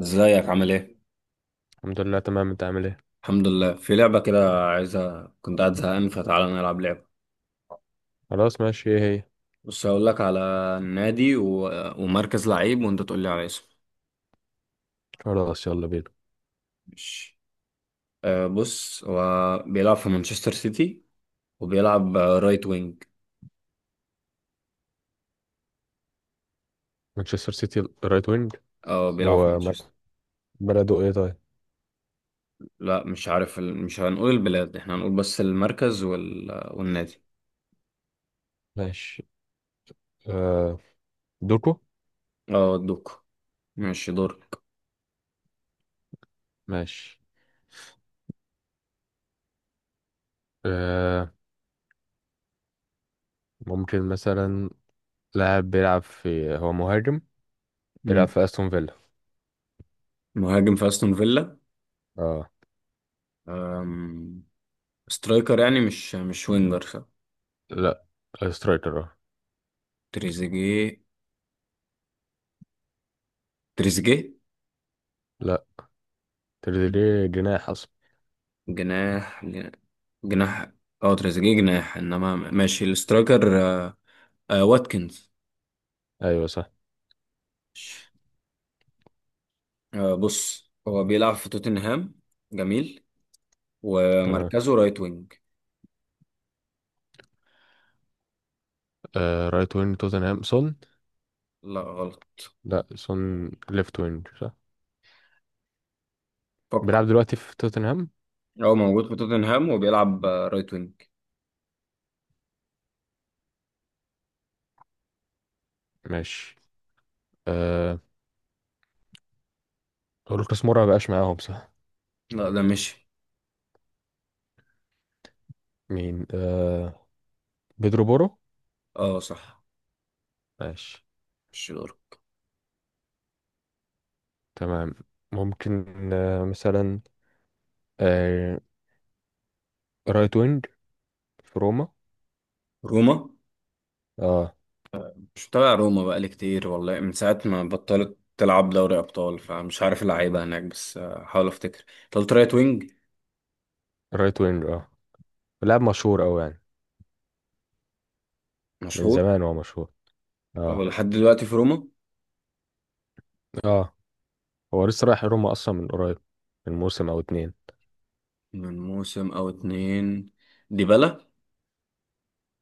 ازيك عامل ايه؟ الحمد لله تمام. انت عامل ايه؟ الحمد لله. في لعبة كده عايزة، كنت قاعد زهقان فتعالى نلعب لعبة. خلاص ماشي. ايه هي؟ بس هقول لك على النادي ومركز لعيب وانت تقول لي على اسمه. خلاص يلا بينا. ماشي. أه بص، هو بيلعب في مانشستر سيتي وبيلعب رايت وينج. مانشستر سيتي رايت وينج. اه بيلعب في وهو مانشستر. بلده ايه طيب؟ لا مش عارف مش هنقول البلاد، احنا هنقول بس المركز والنادي. ماشي. آه، دوكو. اه دوك. ماشي دورك. ماشي. آه، ممكن مثلا لاعب بيلعب في، هو مهاجم، بيلعب مم. في استون فيلا. مهاجم في استون فيلا. اه. أم... سترايكر يعني، مش وينجر صح؟ لا، سترايكر اه. تريزيجيه. تريزيجيه لا، تريزيجيه جناح اصلا. جناح. جناح- اه تريزيجيه جناح، انما ماشي الاسترايكر آه. آه واتكنز. ايوه صح. ماشي. آه بص، هو بيلعب في توتنهام. جميل. تمام. ومركزه رايت وينج. آه، رايت وينج توتنهام، سون. لا غلط، لا، سون ليفت وينج صح. فكر. بيلعب دلوقتي في توتنهام. هو موجود في توتنهام وبيلعب رايت وينج. ماشي. آه، هو لوكاس مورا مبقاش معاهم صح؟ لا ده مشي. مين؟ آه، بيدرو بورو. اه صح. ماشي. مش دور. تمام. ممكن. آه مثلا آه رايت وينج في روما. روما. اه مش متابع روما بقالي كتير والله، من ساعة ما بطلت تلعب دوري أبطال فمش عارف اللعيبة هناك، بس حاول أفتكر انت قلت رايت وينج. رايت وينج اه. لاعب مشهور أوي يعني. من مشهور. زمان هو مشهور. هو اه. لحد دلوقتي في روما؟ اه هو لسه رايح روما اصلا من قريب، من موسم او اتنين. من موسم او اتنين. ديبالا.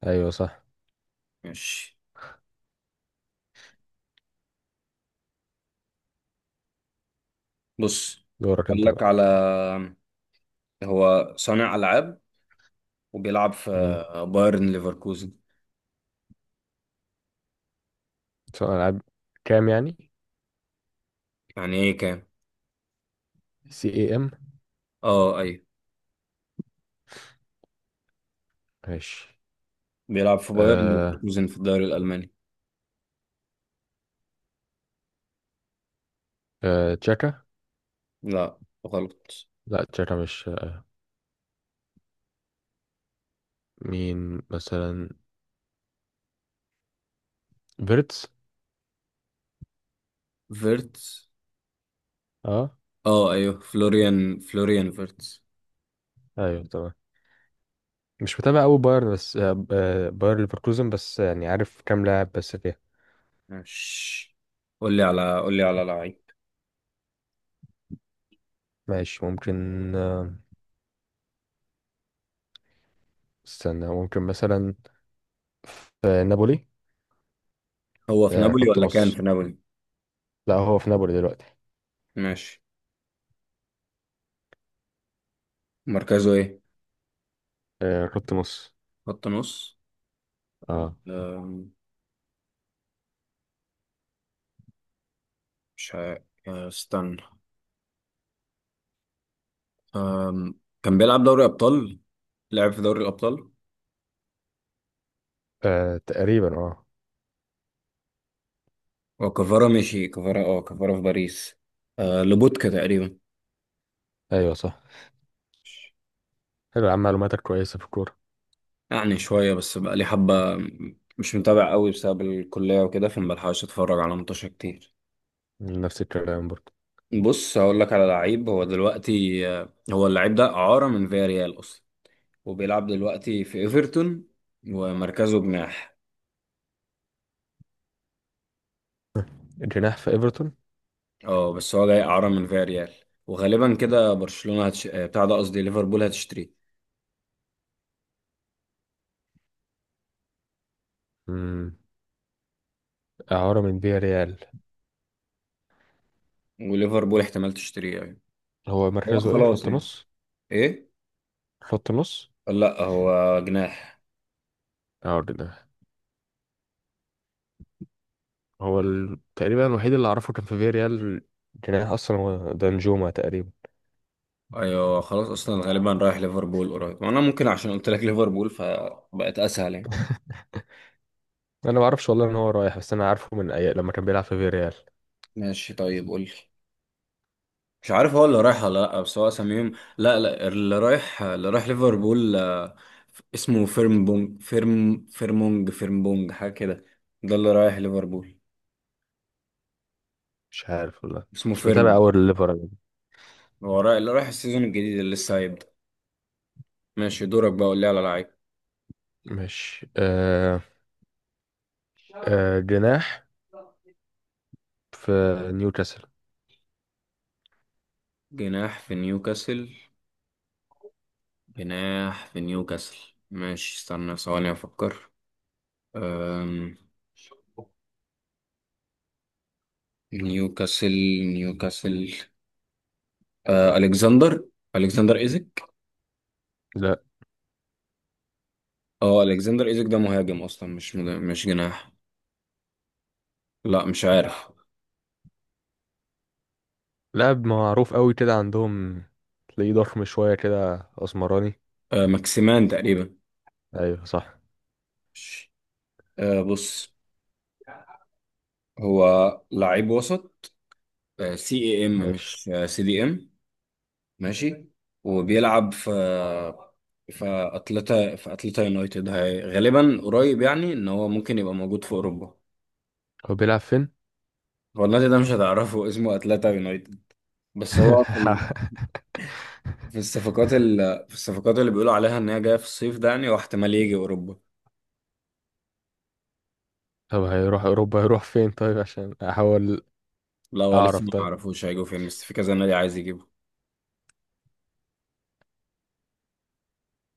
ايوه صح. ماشي. بص، دورك اقول انت لك بقى. على. هو صانع العاب وبيلعب في امم بايرن ليفركوزن. سؤال العاب كام يعني، يعني ايه كام؟ سي اي ام. اه ايوه. ماشي. بيلعب في بايرن آه ليفركوزن في الدوري الالماني. آه تشاكا. لا غلط. لا تشاكا مش مين مثلا؟ فيرتس. فيرتس. اه اه ايوه، فلوريان فيرتس. ايوه تمام. مش متابع قوي باير بس باير ليفركوزن بس، يعني عارف كام لاعب بس فيها. ماشي، قول لي على لعيب. ماشي ممكن. استنى. ممكن مثلا في نابولي. هو في نابولي خط ولا كان نص. في نابولي؟ لا هو في نابولي دلوقتي. ماشي، مركزه ايه؟ خط نص خط نص. اه. آه، مش ه... آه، استنى. كان بيلعب دوري أبطال. لعب في دوري الأبطال. تقريبا اه. وكفارة مشي كفارة اه كفارة في باريس. أه لوبوتكا تقريبا. ايوه صح. حلو يا عم، معلوماتك كويسة في الكورة. يعني شوية، بس بقى لي حبة. مش متابع قوي بسبب الكلية وكده، فمبلحقش اتفرج على ماتشات كتير. نفس الكلام برضه. بص هقول لك على لعيب. هو دلوقتي هو اللعيب ده إعارة من فياريال أصلا، وبيلعب دلوقتي في إيفرتون ومركزه جناح. جناح في ايفرتون. اه بس هو جاي إعارة من فياريال، وغالبا كده برشلونة هتش... آه، بتاع ده قصدي ليفربول هتشتريه. مم، إعارة من فيا ريال. وليفربول احتمال تشتريه أيوة. هو هو مركزه ايه، خلاص خط يعني. نص؟ إيه؟ خط نص لا هو جناح. اه، جناح. هو تقريبا الوحيد اللي اعرفه كان في فيريال، جناح اصلا، هو دانجوما تقريبا. أيوة خلاص، أصلا غالبا رايح ليفربول قريب، وأنا ممكن عشان قلت لك ليفربول فبقت أسهل يعني. انا ما اعرفش والله ان هو رايح، بس انا عارفه من اي لما كان بيلعب في فيريال. ماشي طيب، قول لي. مش عارف هو اللي رايح ولا لأ، بس هو سميهم. لا لا، اللي رايح، اللي رايح ليفربول اسمه فيرمبونج فيرم فيرمونج فيرمبونج حاجة كده. ده اللي رايح ليفربول. مش عارف والله. اسمه مش متابع فيرمون. اول الليفر أنا. هو رايح، اللي رايح السيزون الجديد اللي لسه هيبدأ. ماشي دورك بقى، قول لي على مش آه... لعيب. جناح في نيوكاسل. جناح في نيوكاسل. جناح في نيوكاسل. ماشي استنى ثواني أفكر. أم... نيوكاسل. نيوكاسل. آه، ألكسندر. ألكسندر إيزك. لا. اه ألكسندر إيزك ده مهاجم أصلا، مش جناح. لا مش عارف. لاعب معروف قوي كده عندهم، تلاقيه ضخم شويه كده، اسمراني. آه، ماكسيمان تقريبا. ايوه صح. مش- آه بص، هو لعيب وسط. آه سي اي ام، ماشي. مش آه سي دي ام. ماشي. وبيلعب في اتلتا يونايتد. هي غالبا قريب يعني ان هو ممكن يبقى موجود في اوروبا. هو بيلعب فين؟ هو النادي ده مش هتعرفه، اسمه اتلتا يونايتد. بس هو في الصفقات في الصفقات اللي بيقولوا عليها ان هي جايه في الصيف ده يعني، واحتمال يجي اوروبا. طب هيروح اوروبا، هيروح فين طيب عشان احاول لا هو لسه اعرف؟ ما طيب يعرفوش هيجوا فين، بس في كذا نادي عايز يجيبه.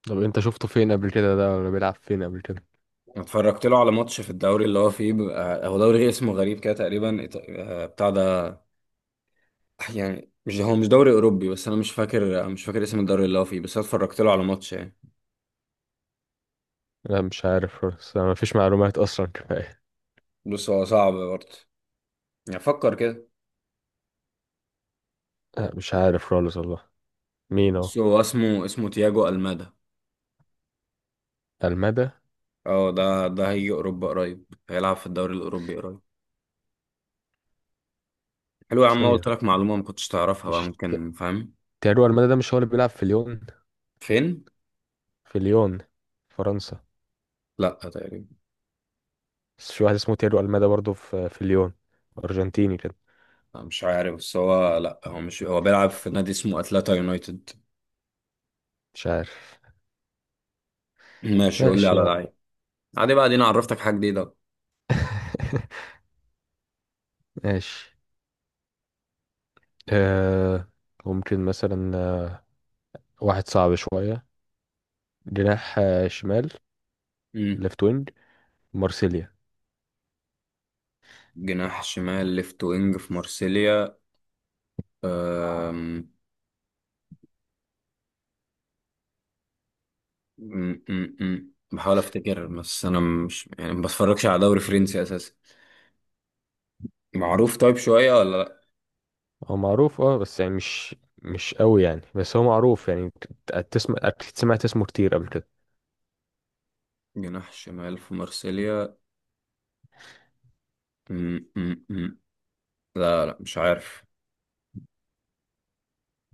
طب انت شفته فين قبل كده، ده ولا بيلعب فين قبل كده؟ أنا اتفرجت له على ماتش في الدوري اللي هو فيه، بيبقى هو دوري اسمه غريب كده، تقريبا إيط- آه، بتاع ده يعني مش، هو مش دوري اوروبي، بس انا مش فاكر اسم الدوري اللي هو فيه، بس انا اتفرجت له على ماتش يعني. لا مش عارف خالص، ما فيش معلومات اصلا كفايه. بص هو صعب برضه، يعني فكر كده. لا مش عارف خالص والله. مين هو؟ بص هو اسمه تياجو المادا. المدى؟ اه ده هيجي اوروبا قريب. هيلعب في الدوري الاوروبي قريب. حلو يا عم، قلت ثانيه. لك معلومه ما كنتش تعرفها بقى، مش ت- ممكن فاهم. تيرو المدى ده مش هو اللي بيلعب في ليون؟ فين؟ في ليون فرنسا. لا تقريبا. بس في واحد اسمه تيرو المدى برضه في في ليون، ارجنتيني كده. لا، مش عارف، بس هو لا هو مش هو بيلعب في نادي اسمه اتلتا يونايتد. مش عارف. ماشي، قول لي ماشي. على هو. لعيب. عادي بقى، دي انا عرفتك حاجه جديده. ماشي. آه، ممكن مثلا، واحد صعب شويه، جناح شمال، أمم. ليفت وينج، مارسيليا. جناح شمال، ليفت وينج في مارسيليا. أم... م- م- م. بحاول افتكر بس انا مش يعني، ما بتفرجش على دوري فرنسي اساسا. معروف طيب شويه ولا لا؟ هو معروف اه، بس يعني مش مش قوي يعني، بس هو معروف يعني. تسمع، أكيد سمعت اسمه كتير قبل كده. جناح شمال في مارسيليا. م- م- م. لا لا مش عارف.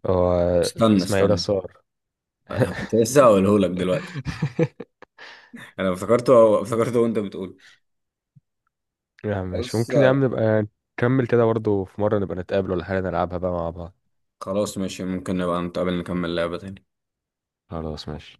هو استنى اسماعيل استنى. صار. كنت لسه هقوله لك دلوقتي. انا افتكرته، افتكرته وانت بتقول. يا عم ماشي، بص ممكن يا عم نبقى نكمل كده برضه، في مرة نبقى نتقابل ولا حاجة نلعبها بقى مع بعض. خلاص ماشي، ممكن نبقى نتقابل نكمل لعبه تاني. خلاص ماشي.